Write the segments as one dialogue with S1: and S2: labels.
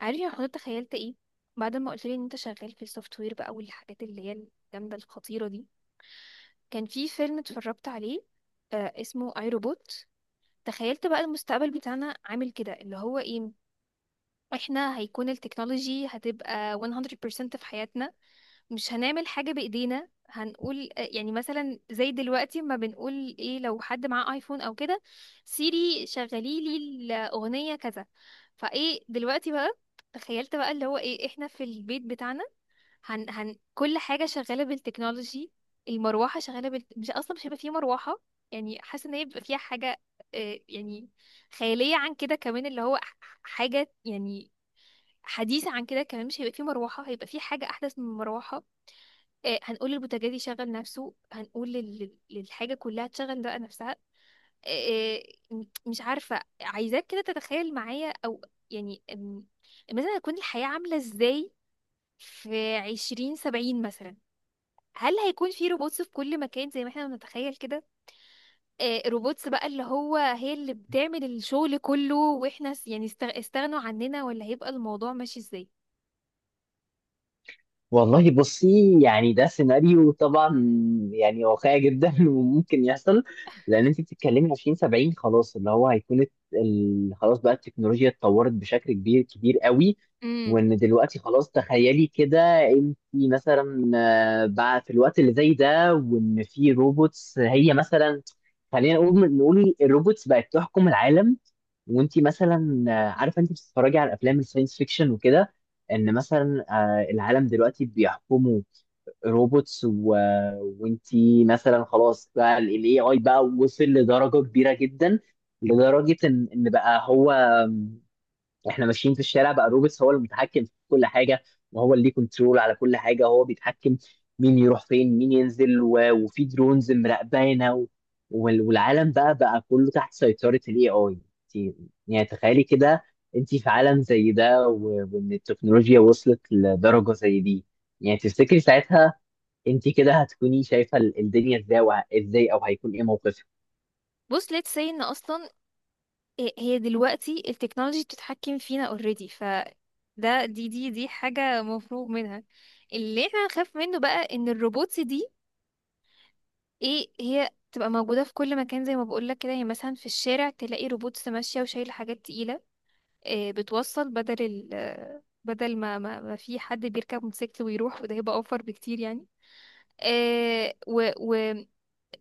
S1: عارف يا حضرتك تخيلت ايه بعد ما قلت لي ان انت شغال في السوفت وير بقى والحاجات اللي هي الجامده الخطيره دي. كان في فيلم اتفرجت عليه، اسمه اي روبوت. تخيلت بقى المستقبل بتاعنا عامل كده، اللي هو ايه، احنا هيكون التكنولوجي هتبقى 100% في حياتنا، مش هنعمل حاجة بإيدينا. هنقول يعني مثلا زي دلوقتي ما بنقول ايه لو حد معاه ايفون او كده، سيري شغلي لي الأغنية كذا. فايه دلوقتي بقى، تخيلت بقى اللي هو ايه، احنا في البيت بتاعنا هن هن كل حاجة شغالة بالتكنولوجي، المروحة شغالة بال، مش أصلا مش هيبقى فيه مروحة. يعني حاسة إن هي بيبقى فيها حاجة، يعني خيالية عن كده كمان، اللي هو حاجة يعني حديثة عن كده كمان، مش هيبقى فيه مروحة، هيبقى فيه حاجة أحدث من المروحة. هنقول للبوتاجاز يشغل نفسه، هنقول للحاجة كلها تشغل بقى نفسها. آه، آه، م- مش عارفة، عايزاك كده تتخيل معايا أو يعني، مثلا هتكون الحياة عاملة إزاي في 2070 مثلا؟ هل هيكون في روبوتس في كل مكان زي ما احنا بنتخيل كده؟ آه روبوتس بقى اللي هو هي اللي بتعمل الشغل كله، واحنا يعني استغنوا عننا، ولا هيبقى الموضوع ماشي ازاي؟
S2: والله بصي، يعني ده سيناريو طبعا، يعني واقعي جدا وممكن يحصل. لان انت بتتكلمي 2070، خلاص اللي هو هيكون خلاص بقى التكنولوجيا اتطورت بشكل كبير كبير قوي.
S1: امم.
S2: وان دلوقتي خلاص، تخيلي كده انت مثلا، بقى في الوقت اللي زي ده، وان في روبوتس هي مثلا، خلينا نقول الروبوتس بقت تحكم العالم. وانت مثلا عارفه انت بتتفرجي على افلام الساينس فيكشن وكده، ان مثلا العالم دلوقتي بيحكمه روبوتس وانتي مثلا خلاص بقى الاي اي بقى وصل لدرجه كبيره جدا، لدرجه ان بقى هو احنا ماشيين في الشارع، بقى روبس هو المتحكم في كل حاجه، وهو اللي ليه كنترول على كل حاجه، هو بيتحكم مين يروح فين، مين ينزل، وفي درونز مراقبانا، والعالم بقى كله تحت سيطره الاي اي. يعني تخيلي كده انت في عالم زي ده، وان التكنولوجيا وصلت لدرجه زي دي. يعني تفتكري ساعتها انت كده هتكوني شايفه الدنيا ازاي، ازاي، او هيكون ايه موقفك؟
S1: بص let's say ان اصلا هي دلوقتي التكنولوجي بتتحكم فينا already، ف ده دي دي دي حاجة مفروغ منها. اللي احنا نخاف منه بقى ان الروبوتس دي ايه، هي تبقى موجودة في كل مكان زي ما بقولك كده، يعني مثلا في الشارع تلاقي روبوتس ماشية وشايلة حاجات تقيلة، بتوصل بدل ال، بدل ما في حد بيركب موتوسيكل ويروح، وده هيبقى اوفر بكتير يعني. آه و, و آه،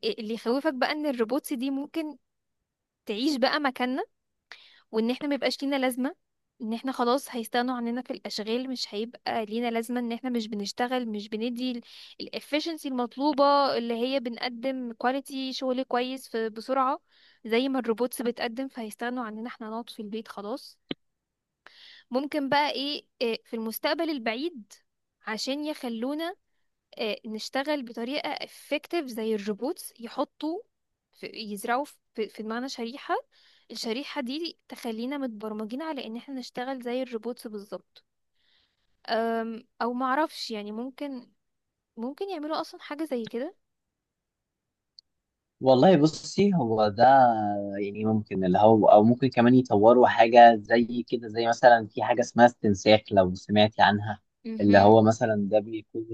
S1: اللي يخوفك بقى ان الروبوتس دي ممكن تعيش بقى مكاننا، وان احنا ميبقاش لينا لازمة، ان احنا خلاص هيستغنوا عننا في الاشغال. مش هيبقى لينا لازمة ان احنا مش بنشتغل، مش بندي الافشنسي المطلوبة، اللي هي بنقدم كواليتي شغل كويس في بسرعة زي ما الروبوتس بتقدم، فهيستغنوا عننا، احنا نقعد في البيت خلاص. ممكن بقى ايه، إيه، في المستقبل البعيد عشان يخلونا نشتغل بطريقة effective زي الروبوتس، يحطوا في، يزرعوا في في دماغنا شريحة، الشريحة دي تخلينا متبرمجين على ان احنا نشتغل زي الروبوتس بالظبط. او معرفش يعني، ممكن ممكن يعملوا اصلا حاجة زي كده.
S2: والله بصي، هو ده يعني ممكن اللي هو، او ممكن كمان يطوروا حاجه زي كده، زي مثلا في حاجه اسمها استنساخ لو سمعتي عنها. اللي
S1: مهم.
S2: هو مثلا ده بيكون،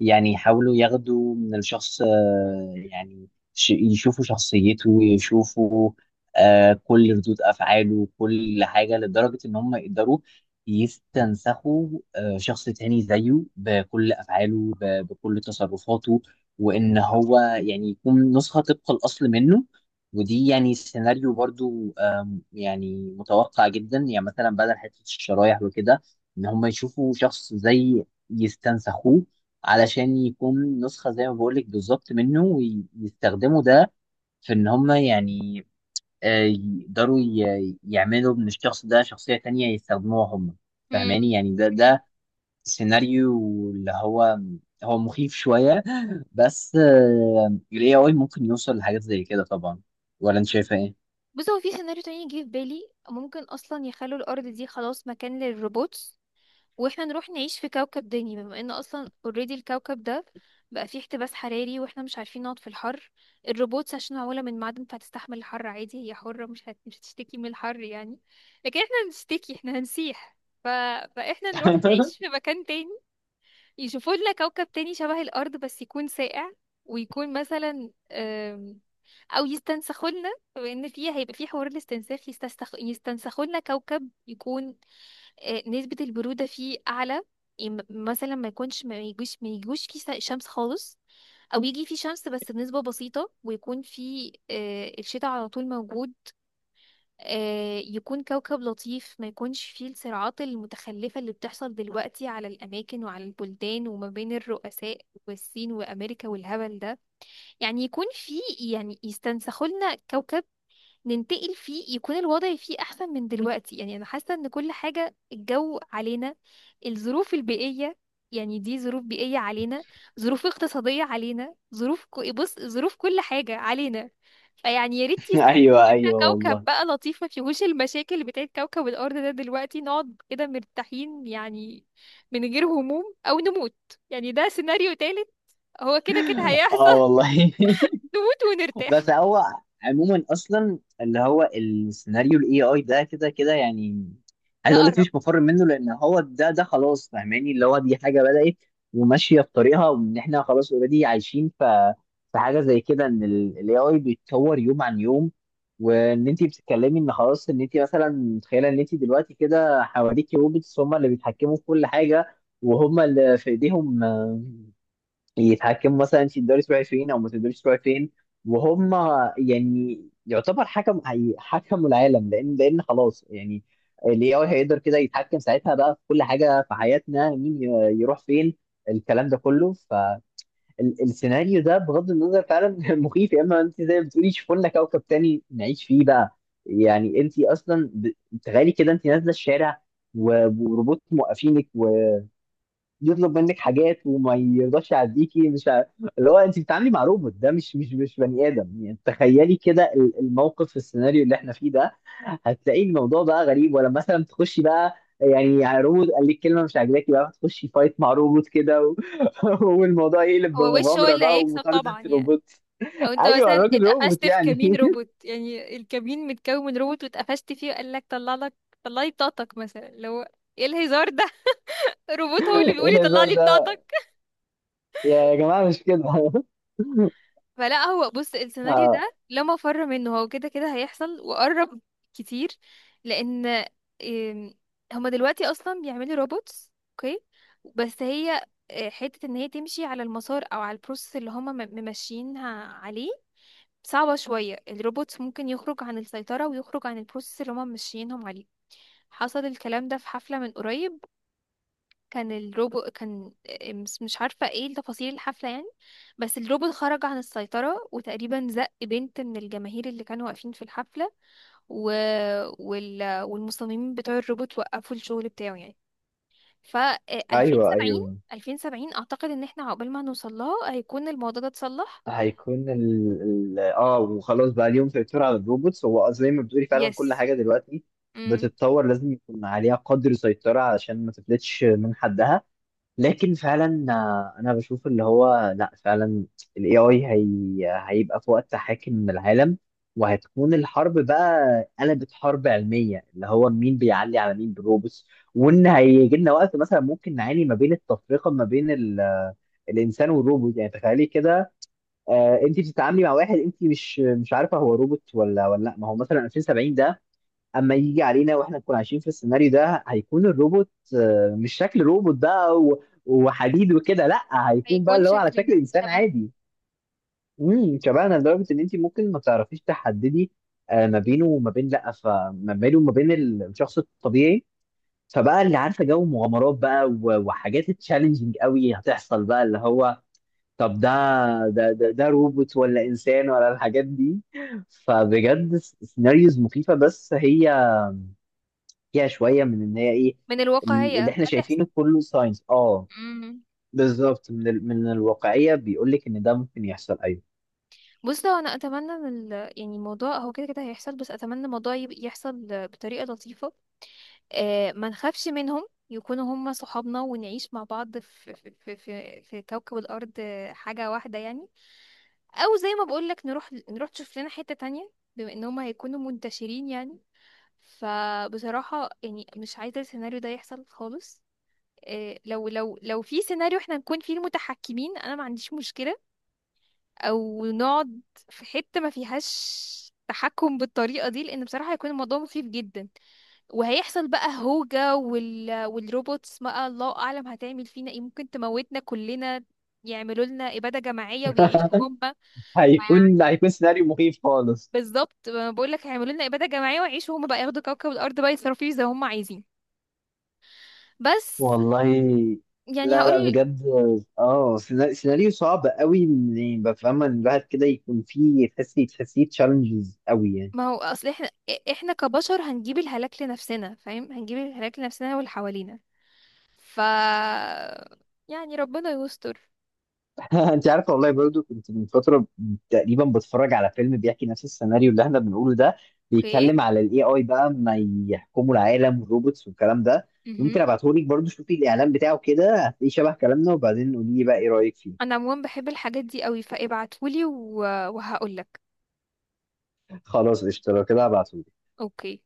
S2: يعني يحاولوا ياخدوا من الشخص، يعني يشوفوا شخصيته، يشوفوا كل ردود أفعاله، كل حاجة، لدرجة إن هم يقدروا يستنسخوا شخص تاني زيه بكل أفعاله، بكل تصرفاته، وإن هو يعني يكون نسخة طبق الأصل منه. ودي يعني سيناريو برضو، يعني متوقع جدا. يعني مثلا بدل حتة الشرايح وكده، إن هم يشوفوا شخص زي يستنسخوه علشان يكون نسخة زي ما بقولك بالظبط منه، ويستخدموا ده في إن هم يعني يقدروا يعملوا من الشخص ده شخصية تانية يستخدموها هم. فاهماني؟
S1: مم.
S2: يعني ده
S1: مم.
S2: ده سيناريو اللي هو هو مخيف شوية. بس ال AI ممكن يوصل لحاجات زي كده طبعا. ولا أنت شايفة إيه؟
S1: بص هو في سيناريو تاني جه في بالي، ممكن اصلا يخلوا الارض دي خلاص مكان للروبوتس، واحنا نروح نعيش في كوكب تاني، بما ان اصلا اوريدي الكوكب ده بقى فيه احتباس حراري، واحنا مش عارفين نقعد في الحر. الروبوتس عشان معمولة من معدن فهتستحمل الحر عادي، هي حرة مش هت، مش هتشتكي من الحر يعني، لكن احنا هنشتكي، احنا هنسيح. ف، فاحنا نروح نعيش في مكان تاني، يشوفوا لنا كوكب تاني شبه الارض بس يكون ساقع، ويكون مثلا او يستنسخوا لنا، بما ان فيه هيبقى فيه حوار الاستنساخ، يستنسخوا لنا كوكب يكون نسبة البرودة فيه أعلى، مثلا ما يكونش، ما يجوش فيه شمس خالص، أو يجي فيه شمس بس بنسبة بسيطة، ويكون فيه الشتاء على طول موجود. يكون كوكب لطيف، ما يكونش فيه الصراعات المتخلفة اللي بتحصل دلوقتي على الأماكن وعلى البلدان وما بين الرؤساء، والصين وأمريكا والهبل ده. يعني يكون فيه، يعني يستنسخوا لنا كوكب ننتقل فيه، يكون الوضع فيه احسن من دلوقتي. يعني انا حاسه ان كل حاجه الجو علينا، الظروف البيئيه، يعني دي ظروف بيئيه علينا، ظروف اقتصاديه علينا، ظروف بص ظروف كل حاجه علينا. فيعني يا ريت
S2: ايوه،
S1: يستمتعوا لنا
S2: ايوه،
S1: كوكب
S2: والله.
S1: بقى لطيف ما فيهوش المشاكل بتاعت كوكب الارض ده دلوقتي، نقعد كده مرتاحين يعني، من غير هموم او نموت. يعني ده سيناريو تالت، هو كده كده هيحصل
S2: اه، والله
S1: نموت ونرتاح.
S2: بس هو عموما، اصلا اللي هو السيناريو الاي اي ده كده كده يعني،
S1: ده
S2: عايز اقول لك
S1: قرب.
S2: مفيش مفر منه، لان هو ده خلاص. فاهماني؟ اللي هو دي حاجه بدات وماشيه في طريقها، وان احنا خلاص اوريدي عايشين في حاجه زي كده، ان الاي اي بيتطور يوم عن يوم. وان انت بتتكلمي ان خلاص، ان انت مثلا متخيله ان انت دلوقتي كده حواليكي روبوتس، هم اللي بيتحكموا في كل حاجه، وهم اللي في ايديهم يتحكموا مثلا في الدوري الاسبوعي فين، او ما في الدوري الاسبوعي فين، وهم يعني يعتبر حكم، حكموا العالم. لان خلاص يعني الاي اي هيقدر كده يتحكم ساعتها بقى في كل حاجه في حياتنا، مين يروح فين، الكلام ده كله. فالسيناريو ده بغض النظر فعلا مخيف، يا اما انت زي ما بتقولي شوفوا لنا كوكب تاني نعيش فيه بقى. يعني انت اصلا تخيلي كده انت نازله الشارع، وروبوت موقفينك، يطلب منك حاجات وما يرضاش يعديكي، مش اللي هو انت بتتعاملي مع روبوت، ده مش بني ادم. يعني تخيلي كده الموقف في السيناريو اللي احنا فيه ده، هتلاقي الموضوع بقى غريب. ولا مثلا تخشي بقى يعني، روبوت قال لك كلمه مش عاجباكي، بقى تخشي فايت مع روبوت كده، والموضوع يقلب
S1: هو وش هو
S2: بمغامره
S1: اللي
S2: بقى
S1: هيكسب
S2: ومطارده
S1: طبعا يعني.
S2: روبوت.
S1: او انت
S2: ايوه،
S1: مثلا
S2: الراجل روبوت
S1: اتقفشت في
S2: يعني
S1: كمين روبوت، يعني الكمين متكون من روبوت واتقفشت فيه وقال لك طلع لك، طلعي بطاقتك مثلا. لو ايه الهزار ده؟ روبوت هو اللي
S2: ايه
S1: بيقول لي طلع
S2: الهزار
S1: لي
S2: ده؟
S1: بطاقتك!
S2: يا يا جماعه مش كده
S1: فلا هو بص، السيناريو
S2: آه،
S1: ده لا مفر منه، هو كده كده هيحصل وقرب كتير. لان إم، هما دلوقتي اصلا بيعملوا روبوتس اوكي، بس هي حتة ان هي تمشي على المسار او على البروسيس اللي هما ممشيينها عليه صعبة شوية، الروبوت ممكن يخرج عن السيطرة ويخرج عن البروسيس اللي هما ماشيينهم عليه. حصل الكلام ده في حفلة من قريب، كان الروبوت كان مش عارفة ايه تفاصيل الحفلة يعني، بس الروبوت خرج عن السيطرة وتقريبا زق بنت من الجماهير اللي كانوا واقفين في الحفلة، و، وال، والمصممين بتوع الروبوت وقفوا الشغل بتاعه يعني. ف
S2: ايوه،
S1: 2070،
S2: ايوه.
S1: أعتقد إن احنا عقبال ما نوصل لها هيكون الموضوع ده اتصلح.
S2: هيكون ال... ال... اه وخلاص بقى اليوم سيطر على الروبوتس. هو زي ما بتقولي، فعلا كل
S1: يس.
S2: حاجه دلوقتي
S1: امم.
S2: بتتطور، لازم يكون عليها قدر سيطره علشان ما تفلتش من حدها. لكن فعلا، انا بشوف اللي هو، لا فعلا الاي اي هيبقى في وقت حاكم العالم، وهتكون الحرب بقى قلبت حرب علميه، اللي هو مين بيعلي على مين بالروبوتس. وان هيجي لنا وقت مثلا ممكن نعاني ما بين التفرقه، ما بين الانسان والروبوت. يعني تخيلي كده، انت بتتعاملي مع واحد انت مش مش عارفه هو روبوت ولا ولا لا، ما هو مثلا 2070 ده اما يجي علينا واحنا نكون عايشين في السيناريو ده، هيكون الروبوت مش شكل روبوت بقى وحديد وكده، لا هيكون بقى
S1: هيكون
S2: اللي هو على شكل
S1: شكلنا
S2: انسان
S1: شبه،
S2: عادي. شبهنا لدرجه ان انت ممكن ما تعرفيش تحددي، ما بينه وما بين، لا، فما بينه وما بين الشخص الطبيعي. فبقى اللي عارفه جو مغامرات بقى وحاجات تشالنجينج قوي هتحصل بقى، اللي هو طب ده روبوت ولا انسان، ولا الحاجات دي؟ فبجد سيناريوز مخيفه، بس هي فيها شويه من ان هي ايه،
S1: من
S2: اللي
S1: الواقعية
S2: احنا
S1: هتحصل.
S2: شايفينه كله ساينس،
S1: مم.
S2: بالظبط. من الواقعيه بيقول لك ان ده ممكن يحصل، ايوه.
S1: بص هو انا اتمنى من ال، يعني الموضوع هو كده كده هيحصل بس اتمنى الموضوع يحصل بطريقة لطيفة، آه ما نخافش منهم، يكونوا هم صحابنا ونعيش مع بعض في في كوكب الارض حاجة واحدة يعني، او زي ما بقول لك نروح، نشوف لنا حتة تانية بما ان هم هيكونوا منتشرين يعني. فبصراحة يعني مش عايزة السيناريو ده يحصل خالص. لو في سيناريو احنا نكون فيه المتحكمين انا ما عنديش مشكلة، او نقعد في حتة ما فيهاش تحكم بالطريقة دي، لان بصراحة هيكون الموضوع مخيف جدا، وهيحصل بقى هوجة، وال، والروبوتس بقى الله اعلم هتعمل فينا ايه، ممكن تموتنا كلنا، يعملوا لنا إبادة جماعية ويعيشوا هم. فيعني
S2: هيكون سيناريو مخيف خالص.
S1: بالظبط بقول لك هيعملوا لنا إبادة جماعية ويعيشوا هم بقى، ياخدوا كوكب الأرض بقى يصرفوا فيه زي هم عايزين. بس
S2: والله
S1: يعني
S2: لا، لا،
S1: هقول،
S2: بجد. اه، سيناريو صعب قوي، يعني بفهم ان الواحد كده يكون فيه تحسيه تشالنجز قوي يعني.
S1: ما هو اصل احنا، احنا كبشر هنجيب الهلاك لنفسنا، فاهم، هنجيب الهلاك لنفسنا واللي حوالينا. ف يعني ربنا يستر.
S2: انت عارفه، والله برضو كنت من فتره تقريبا بتفرج على فيلم بيحكي نفس السيناريو اللي احنا بنقوله ده،
S1: اوكي.
S2: بيتكلم على الاي اي بقى، ما يحكموا العالم والروبوتس والكلام ده. ممكن
S1: مهم.
S2: ابعته لك برضو، شوفي الاعلان بتاعه كده هتلاقيه شبه كلامنا، وبعدين قولي لي بقى ايه رايك فيه.
S1: انا عموما بحب الحاجات دي قوي فابعتهولي و، وهقولك.
S2: خلاص قشطه، لو كده هبعته.
S1: اوكي.